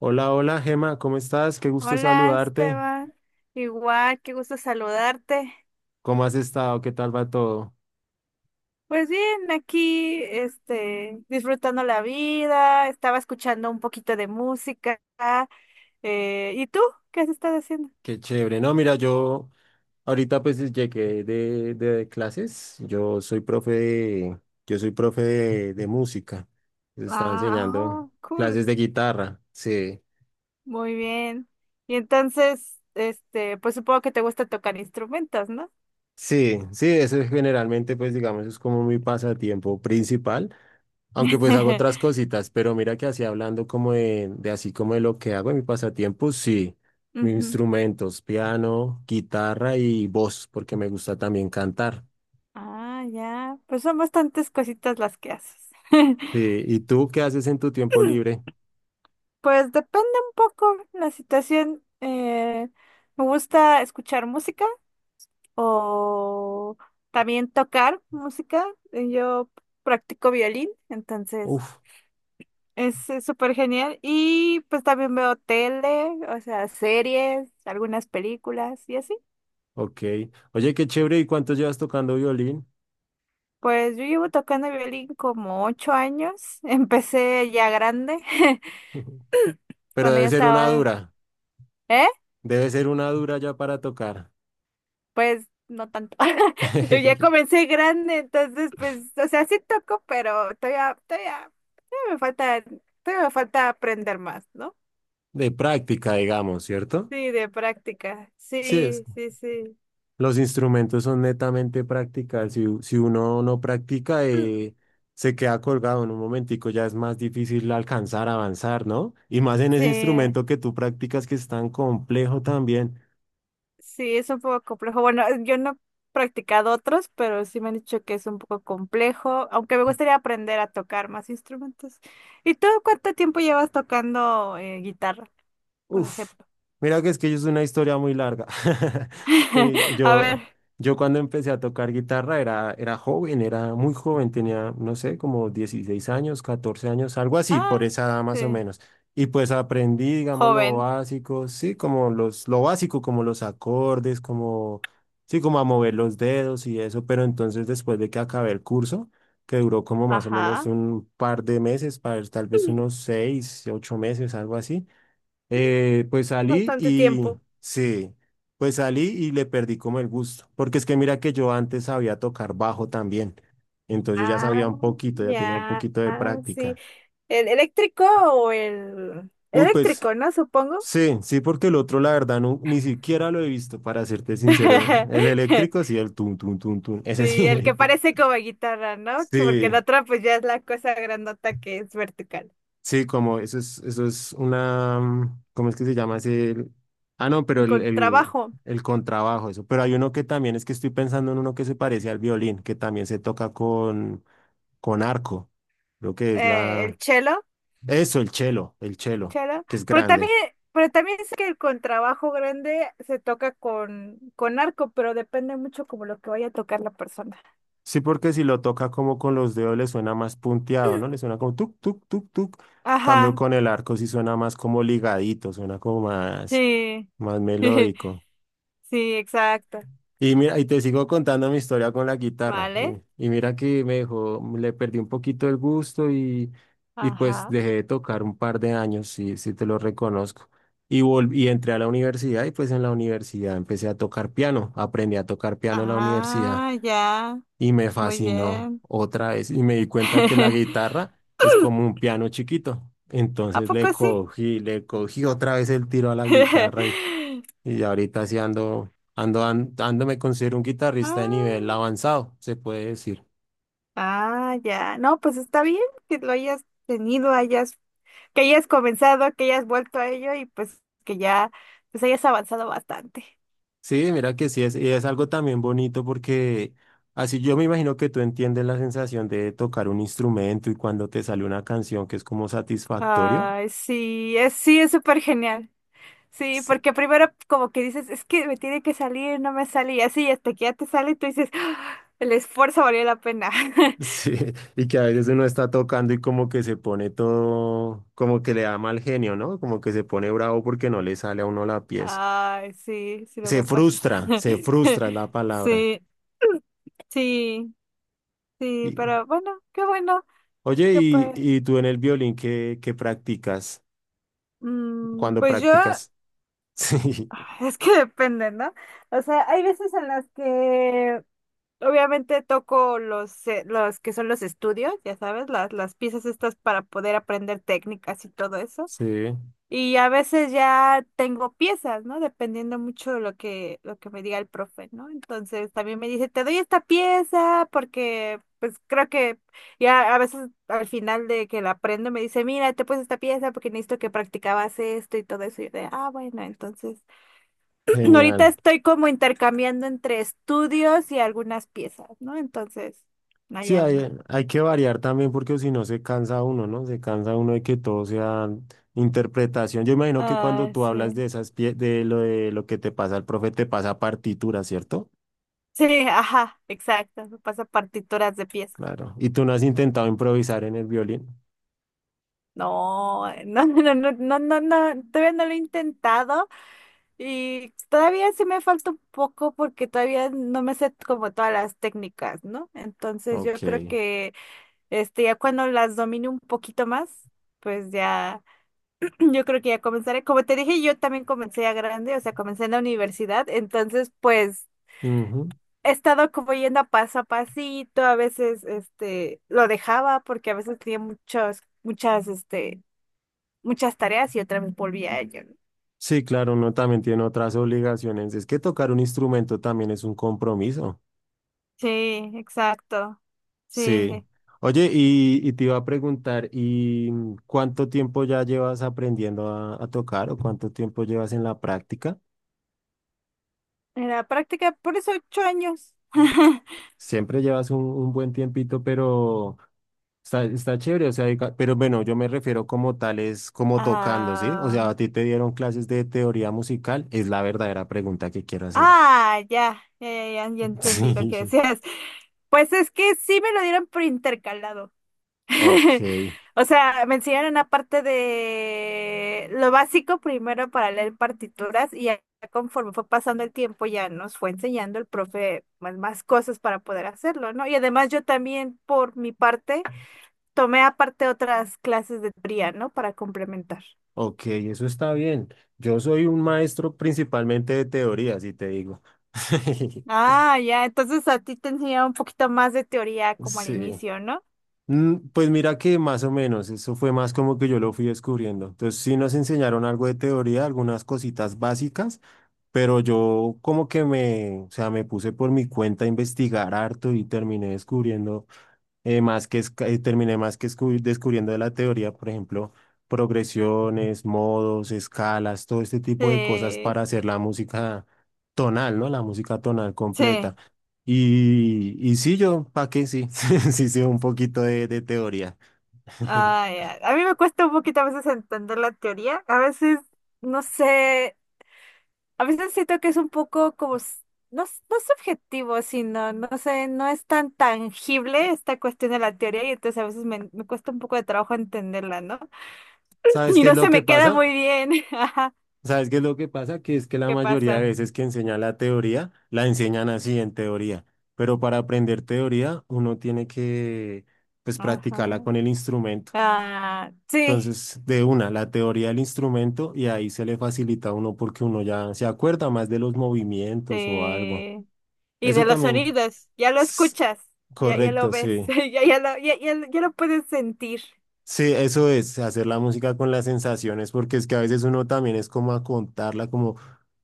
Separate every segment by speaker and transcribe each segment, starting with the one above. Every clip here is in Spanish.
Speaker 1: Hola, hola, Gema, ¿cómo estás? Qué gusto
Speaker 2: Hola
Speaker 1: saludarte.
Speaker 2: Esteban, igual, qué gusto saludarte.
Speaker 1: ¿Cómo has estado? ¿Qué tal va todo?
Speaker 2: Pues bien, aquí, disfrutando la vida, estaba escuchando un poquito de música. ¿Y tú? ¿Qué has estado haciendo?
Speaker 1: Qué chévere. No, mira, yo ahorita pues llegué de clases. Yo soy profe de música. Les estaba
Speaker 2: Ah,
Speaker 1: enseñando
Speaker 2: oh, cool,
Speaker 1: clases de guitarra. Sí,
Speaker 2: muy bien. Y entonces, pues supongo que te gusta tocar instrumentos, ¿no?
Speaker 1: sí, sí, eso es generalmente pues digamos es como mi pasatiempo principal. Aunque pues hago otras cositas, pero mira que así hablando como de así como de lo que hago en mi pasatiempo, sí, mis
Speaker 2: Ujú.
Speaker 1: instrumentos, piano, guitarra y voz, porque me gusta también cantar.
Speaker 2: Ah, ya, pues son bastantes cositas las que haces.
Speaker 1: Sí, ¿y tú qué haces en tu tiempo libre?
Speaker 2: Pues depende un poco la situación. Me gusta escuchar música o también tocar música. Yo practico violín, entonces
Speaker 1: Uf,
Speaker 2: es súper genial. Y pues también veo tele, o sea, series, algunas películas y así.
Speaker 1: ok. Oye, qué chévere, ¿y cuánto llevas tocando violín?
Speaker 2: Pues yo llevo tocando violín como 8 años. Empecé ya grande,
Speaker 1: Pero
Speaker 2: cuando
Speaker 1: debe
Speaker 2: ya
Speaker 1: ser una
Speaker 2: estaba...
Speaker 1: dura,
Speaker 2: ¿Eh?
Speaker 1: debe ser una dura ya para tocar.
Speaker 2: Pues no tanto. Yo ya comencé grande, entonces pues, o sea, sí toco, pero todavía me falta, todavía me falta aprender más, ¿no?
Speaker 1: De práctica, digamos, ¿cierto?
Speaker 2: Sí, de práctica.
Speaker 1: Sí, es.
Speaker 2: Sí, sí, sí.
Speaker 1: Los instrumentos son netamente prácticas. Si, si uno no practica, se queda colgado en un momentico, ya es más difícil alcanzar, avanzar, ¿no? Y más en ese
Speaker 2: Sí,
Speaker 1: instrumento que tú practicas que es tan complejo también.
Speaker 2: sí, es un poco complejo. Bueno, yo no he practicado otros, pero sí me han dicho que es un poco complejo, aunque me gustaría aprender a tocar más instrumentos. ¿Y tú cuánto tiempo llevas tocando guitarra, por
Speaker 1: Uf,
Speaker 2: ejemplo?
Speaker 1: mira que es una historia muy larga. Que
Speaker 2: A ver.
Speaker 1: yo, yo cuando empecé a tocar guitarra era, era joven, era muy joven, tenía, no sé, como 16 años, 14 años, algo así, por
Speaker 2: Ah,
Speaker 1: esa edad más o
Speaker 2: sí.
Speaker 1: menos. Y pues aprendí, digamos, lo
Speaker 2: Joven,
Speaker 1: básico, sí, como lo básico, como los acordes, como, sí, como a mover los dedos y eso, pero entonces después de que acabé el curso, que duró como más o menos
Speaker 2: ajá.
Speaker 1: un par de meses, para tal vez unos 6, 8 meses, algo así. Pues salí
Speaker 2: Bastante
Speaker 1: y
Speaker 2: tiempo.
Speaker 1: sí, pues salí y le perdí como el gusto, porque es que mira que yo antes sabía tocar bajo también, entonces yo ya
Speaker 2: Ah,
Speaker 1: sabía un poquito, ya tenía un
Speaker 2: ya,
Speaker 1: poquito de
Speaker 2: ah, sí.
Speaker 1: práctica.
Speaker 2: ¿El eléctrico o el
Speaker 1: Uy, pues
Speaker 2: eléctrico, ¿no? Supongo.
Speaker 1: sí, sí, porque el otro la verdad no, ni siquiera lo he visto, para serte sincero, el eléctrico sí, el tum, tum, tum, tum, ese
Speaker 2: Sí,
Speaker 1: sí,
Speaker 2: el que parece como guitarra, ¿no? Que Porque el
Speaker 1: sí,
Speaker 2: otro pues ya es la cosa grandota que es vertical.
Speaker 1: Sí, como eso es una, ¿cómo es que se llama ese? Ah, no, pero
Speaker 2: Contrabajo,
Speaker 1: el contrabajo, eso. Pero hay uno que también es que estoy pensando en uno que se parece al violín, que también se toca con arco. Creo que es
Speaker 2: el
Speaker 1: la...
Speaker 2: cello,
Speaker 1: Eso, el chelo,
Speaker 2: cello,
Speaker 1: que es grande.
Speaker 2: pero también sé que el contrabajo grande se toca con arco, pero depende mucho como lo que vaya a tocar la persona.
Speaker 1: Sí, porque si lo toca como con los dedos le suena más punteado, ¿no? Le suena como tuk, tuk, tuk, tuk. Cambio
Speaker 2: Ajá,
Speaker 1: con el arco sí suena más como ligadito, suena como más,
Speaker 2: sí,
Speaker 1: más melódico.
Speaker 2: sí, exacto.
Speaker 1: Y mira, y te sigo contando mi historia con la guitarra.
Speaker 2: ¿Vale?
Speaker 1: Y mira que me dejó, le perdí un poquito el gusto y pues
Speaker 2: Ajá.
Speaker 1: dejé de tocar un par de años, si, si te lo reconozco. Y, volví, y entré a la universidad y pues en la universidad empecé a tocar piano. Aprendí a tocar piano en la universidad
Speaker 2: Ah, ya.
Speaker 1: y me
Speaker 2: Muy
Speaker 1: fascinó
Speaker 2: bien.
Speaker 1: otra vez. Y me di cuenta que la guitarra es como un piano chiquito.
Speaker 2: ¿A
Speaker 1: Entonces
Speaker 2: poco sí?
Speaker 1: le cogí otra vez el tiro a la guitarra y ya ahorita sí ando, me considero un guitarrista de nivel
Speaker 2: Ah,
Speaker 1: avanzado, se puede decir.
Speaker 2: ah, ya. No, pues está bien que lo hayas tenido, hayas, que hayas comenzado, que hayas vuelto a ello y pues que ya, pues hayas avanzado bastante.
Speaker 1: Sí, mira que sí es, y es algo también bonito porque así yo me imagino que tú entiendes la sensación de tocar un instrumento y cuando te sale una canción que es como satisfactorio.
Speaker 2: Ay, sí, es súper genial. Sí,
Speaker 1: S-
Speaker 2: porque primero como que dices, es que me tiene que salir, no me sale, y así hasta que ya te sale, y tú dices, "Ah, el esfuerzo valió la pena".
Speaker 1: Sí, y que a veces uno está tocando y como que se pone todo, como que le da mal genio, ¿no? Como que se pone bravo porque no le sale a uno la pieza.
Speaker 2: Ay, sí, sí luego pasa.
Speaker 1: Se frustra es la palabra.
Speaker 2: Sí, sí, sí, pero bueno,
Speaker 1: Oye,
Speaker 2: qué pues,
Speaker 1: ¿y tú en el violín qué practicas?
Speaker 2: mm,
Speaker 1: ¿Cuándo
Speaker 2: pues yo,
Speaker 1: practicas? Sí,
Speaker 2: es que depende, ¿no? O sea, hay veces en las que obviamente toco los que son los estudios, ya sabes, las piezas estas para poder aprender técnicas y todo eso.
Speaker 1: sí,
Speaker 2: Y a veces ya tengo piezas, ¿no? Dependiendo mucho de lo que me diga el profe, ¿no? Entonces también me dice, te doy esta pieza porque pues creo que ya a veces al final de que la aprendo me dice, mira, te puse esta pieza porque necesito que practicabas esto y todo eso. Y yo de, ah, bueno, entonces ahorita
Speaker 1: genial.
Speaker 2: estoy como intercambiando entre estudios y algunas piezas, ¿no? Entonces, ahí
Speaker 1: Sí, hay,
Speaker 2: ando.
Speaker 1: hay que variar también porque si no se cansa uno, ¿no? Se cansa uno de que todo sea interpretación. Yo imagino que cuando
Speaker 2: Ah,
Speaker 1: tú hablas
Speaker 2: sí.
Speaker 1: de esas de lo que te pasa al profe, te pasa partitura, ¿cierto?
Speaker 2: Sí, ajá, exacto. Me pasa partituras de piezas.
Speaker 1: Claro. ¿Y tú no has intentado improvisar en el violín?
Speaker 2: No, no, no, no, no, no, no, todavía no lo he intentado y todavía sí me falta un poco porque todavía no me sé como todas las técnicas, ¿no? Entonces yo creo
Speaker 1: Ok.
Speaker 2: que ya cuando las domine un poquito más, pues ya yo creo que ya comenzaré. Como te dije, yo también comencé a grande, o sea, comencé en la universidad, entonces pues
Speaker 1: Ujú.
Speaker 2: he estado como yendo a paso a pasito, a veces lo dejaba porque a veces tenía muchos muchas muchas tareas y otra vez volví a ello, ¿no?
Speaker 1: Sí, claro, uno también tiene otras obligaciones. Es que tocar un instrumento también es un compromiso.
Speaker 2: Sí, exacto.
Speaker 1: Sí.
Speaker 2: Sí.
Speaker 1: Oye, y te iba a preguntar, ¿y cuánto tiempo ya llevas aprendiendo a tocar o cuánto tiempo llevas en la práctica?
Speaker 2: Era práctica por eso 8 años.
Speaker 1: Siempre llevas un buen tiempito, pero está, está chévere, o sea, pero bueno, yo me refiero como tal, es como tocando, ¿sí? O sea,
Speaker 2: Ah,
Speaker 1: a ti te dieron clases de teoría musical, es la verdadera pregunta que quiero hacer.
Speaker 2: ah, ya entendí lo que
Speaker 1: Sí.
Speaker 2: decías. Pues es que sí me lo dieron por intercalado.
Speaker 1: Ok,
Speaker 2: O sea, me enseñaron la parte de lo básico primero para leer partituras y ya conforme fue pasando el tiempo ya nos fue enseñando el profe más, más cosas para poder hacerlo, ¿no? Y además yo también por mi parte tomé aparte otras clases de teoría, ¿no? Para complementar.
Speaker 1: ok, eso está bien. Yo soy un maestro principalmente de teoría, si te digo.
Speaker 2: Ah, ya, entonces a ti te enseñaba un poquito más de teoría como al
Speaker 1: Sí.
Speaker 2: inicio, ¿no?
Speaker 1: Pues mira que más o menos, eso fue más como que yo lo fui descubriendo. Entonces sí nos enseñaron algo de teoría, algunas cositas básicas, pero yo como que o sea, me puse por mi cuenta a investigar harto y terminé descubriendo más terminé más descubriendo de la teoría, por ejemplo, progresiones, modos, escalas, todo este tipo de cosas
Speaker 2: Sí,
Speaker 1: para hacer la música tonal, ¿no? La música tonal
Speaker 2: sí.
Speaker 1: completa. Y sí, yo, ¿para qué? Sí, sí, sí, un poquito de teoría.
Speaker 2: Ah, ya. A mí me cuesta un poquito a veces entender la teoría. A veces, no sé, a veces siento que es un poco como, no, no subjetivo, sino, no sé, no es tan tangible esta cuestión de la teoría y entonces a veces me, me cuesta un poco de trabajo entenderla, ¿no?
Speaker 1: ¿Sabes
Speaker 2: Y
Speaker 1: qué es
Speaker 2: no
Speaker 1: lo
Speaker 2: se
Speaker 1: que
Speaker 2: me queda
Speaker 1: pasa?
Speaker 2: muy bien. Ajá.
Speaker 1: ¿Sabes qué es lo que pasa? Que es que la
Speaker 2: ¿Qué
Speaker 1: mayoría de
Speaker 2: pasa?
Speaker 1: veces que enseñan la teoría, la enseñan así en teoría. Pero para aprender teoría, uno tiene pues,
Speaker 2: Ajá.
Speaker 1: practicarla con el instrumento.
Speaker 2: Ah, sí,
Speaker 1: Entonces, de una, la teoría del instrumento y ahí se le facilita a uno porque uno ya se acuerda más de los movimientos o algo.
Speaker 2: sí. Y de
Speaker 1: Eso
Speaker 2: los
Speaker 1: también,
Speaker 2: sonidos, ya lo
Speaker 1: s-
Speaker 2: escuchas, ya, ya lo
Speaker 1: correcto,
Speaker 2: ves,
Speaker 1: sí.
Speaker 2: ya, ya lo puedes sentir.
Speaker 1: Sí, eso es, hacer la música con las sensaciones, porque es que a veces uno también es como a contarla, como, o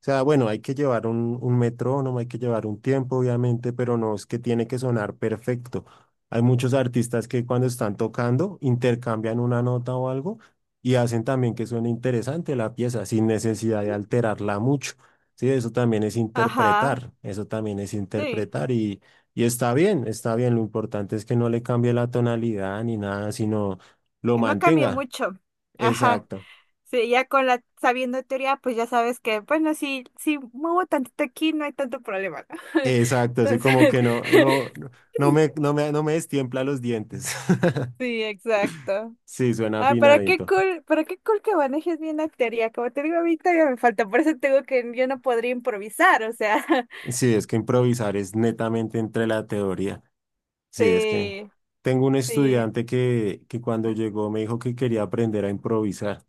Speaker 1: sea, bueno, hay que llevar un metrónomo, hay que llevar un tiempo, obviamente, pero no es que tiene que sonar perfecto. Hay muchos artistas que cuando están tocando intercambian una nota o algo y hacen también que suene interesante la pieza sin necesidad de alterarla mucho. Sí, eso también es
Speaker 2: Ajá,
Speaker 1: interpretar, eso también es
Speaker 2: sí,
Speaker 1: interpretar y está bien, está bien. Lo importante es que no le cambie la tonalidad ni nada, sino lo
Speaker 2: que no cambie
Speaker 1: mantenga.
Speaker 2: mucho. Ajá,
Speaker 1: Exacto,
Speaker 2: sí, ya con la sabiendo teoría, pues ya sabes que, bueno, si, si muevo tantito aquí, no hay tanto problema, ¿no?
Speaker 1: exacto, así como
Speaker 2: Entonces,
Speaker 1: que no, no, no no me destiempla los dientes.
Speaker 2: sí, exacto.
Speaker 1: Sí, suena
Speaker 2: Ah,
Speaker 1: afinadito.
Speaker 2: pero qué cool que manejes bien la teoría. Como te digo, a mí todavía me falta, por eso tengo que, yo no podría improvisar, o sea.
Speaker 1: Sí, es que improvisar es netamente entre la teoría. Sí, es que
Speaker 2: Sí,
Speaker 1: tengo un
Speaker 2: sí.
Speaker 1: estudiante que cuando llegó me dijo que quería aprender a improvisar.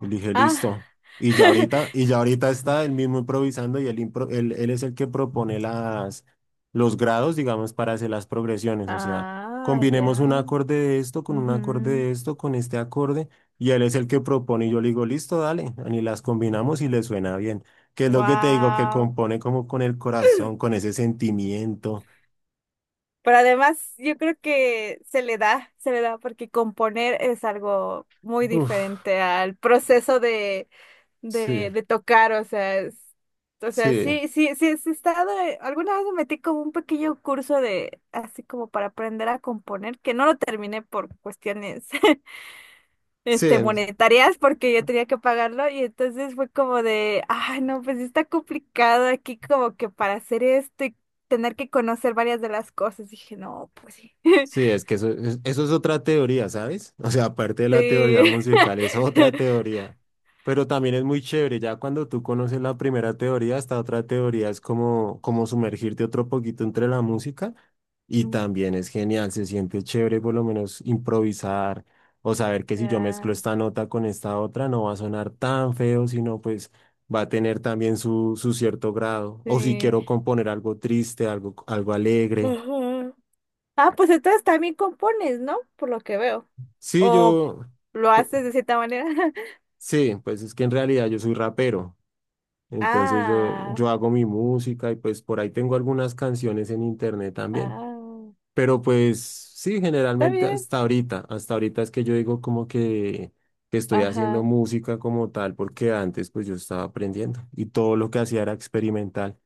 Speaker 1: Y dije,
Speaker 2: Ah,
Speaker 1: listo. Y ya ahorita está él mismo improvisando y él es el que propone las, los grados, digamos, para hacer las progresiones. O sea,
Speaker 2: ah,
Speaker 1: combinemos un
Speaker 2: ya.
Speaker 1: acorde de esto con un acorde de esto, con este acorde, y él es el que propone. Y yo le digo, listo, dale. Y las combinamos y le suena bien. Que es lo que te digo, que
Speaker 2: Wow.
Speaker 1: compone como con el corazón, con ese sentimiento.
Speaker 2: Pero además yo creo que se le da porque componer es algo muy
Speaker 1: Uf,
Speaker 2: diferente al proceso de, de,
Speaker 1: sí,
Speaker 2: de tocar, o sea, o sea,
Speaker 1: sí,
Speaker 2: sí, sí, sí, sí he estado, alguna vez me metí como un pequeño curso de, así como para aprender a componer, que no lo terminé por cuestiones
Speaker 1: sí.
Speaker 2: monetarias porque yo tenía que pagarlo y entonces fue como de, ay, no, pues sí está complicado aquí como que para hacer esto y tener que conocer varias de las cosas. Dije, no, pues sí.
Speaker 1: Sí, es que eso, eso es otra teoría, ¿sabes? O sea, aparte de la teoría
Speaker 2: Sí.
Speaker 1: musical, es otra teoría. Pero también es muy chévere, ya cuando tú conoces la primera teoría, esta otra teoría es como, como sumergirte otro poquito entre la música y
Speaker 2: Mm,
Speaker 1: también es genial, se siente chévere por lo menos improvisar o saber que si yo mezclo
Speaker 2: ya,
Speaker 1: esta nota con esta otra no va a sonar tan feo, sino pues va a tener también su cierto grado. O si
Speaker 2: sí.
Speaker 1: quiero componer algo triste, algo, algo alegre.
Speaker 2: Ujú. Ah, pues entonces también compones, ¿no? Por lo que veo.
Speaker 1: Sí,
Speaker 2: O
Speaker 1: yo...
Speaker 2: lo haces de cierta manera.
Speaker 1: Sí, pues es que en realidad yo soy rapero, entonces
Speaker 2: Ah,
Speaker 1: yo hago mi música y pues por ahí tengo algunas canciones en internet también,
Speaker 2: ah,
Speaker 1: pero pues sí,
Speaker 2: está
Speaker 1: generalmente
Speaker 2: bien.
Speaker 1: hasta ahorita es que yo digo como que estoy haciendo
Speaker 2: Ajá,
Speaker 1: música como tal, porque antes pues yo estaba aprendiendo y todo lo que hacía era experimental,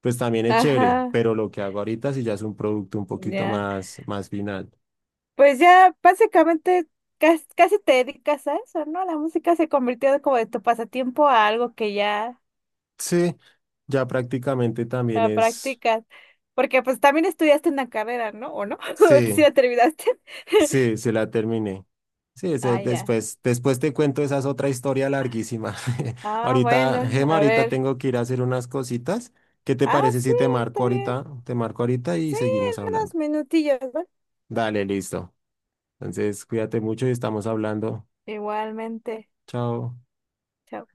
Speaker 1: pues también es chévere,
Speaker 2: ajá,
Speaker 1: pero lo que hago ahorita sí ya es un producto un poquito
Speaker 2: ya.
Speaker 1: más, más final.
Speaker 2: Pues ya básicamente casi, casi te dedicas a eso, ¿no? La música se convirtió como de tu pasatiempo a algo que ya
Speaker 1: Sí, ya prácticamente también
Speaker 2: la
Speaker 1: es,
Speaker 2: practicas. Porque pues también estudiaste una carrera, ¿no? ¿O no? ¿Sí
Speaker 1: sí.
Speaker 2: la terminaste?
Speaker 1: Sí, sí la terminé. Sí,
Speaker 2: Ah, ya.
Speaker 1: después, después te cuento, esa es otra historia larguísima.
Speaker 2: Ah,
Speaker 1: Ahorita,
Speaker 2: bueno,
Speaker 1: Gema,
Speaker 2: a
Speaker 1: ahorita
Speaker 2: ver.
Speaker 1: tengo que ir a hacer unas cositas. ¿Qué te
Speaker 2: Ah,
Speaker 1: parece
Speaker 2: sí,
Speaker 1: si te
Speaker 2: está
Speaker 1: marco
Speaker 2: bien.
Speaker 1: ahorita? Te marco ahorita y
Speaker 2: Sí,
Speaker 1: seguimos
Speaker 2: en unos
Speaker 1: hablando.
Speaker 2: minutillos, ¿no?
Speaker 1: Dale, listo. Entonces, cuídate mucho y estamos hablando.
Speaker 2: Igualmente.
Speaker 1: Chao.
Speaker 2: Chao.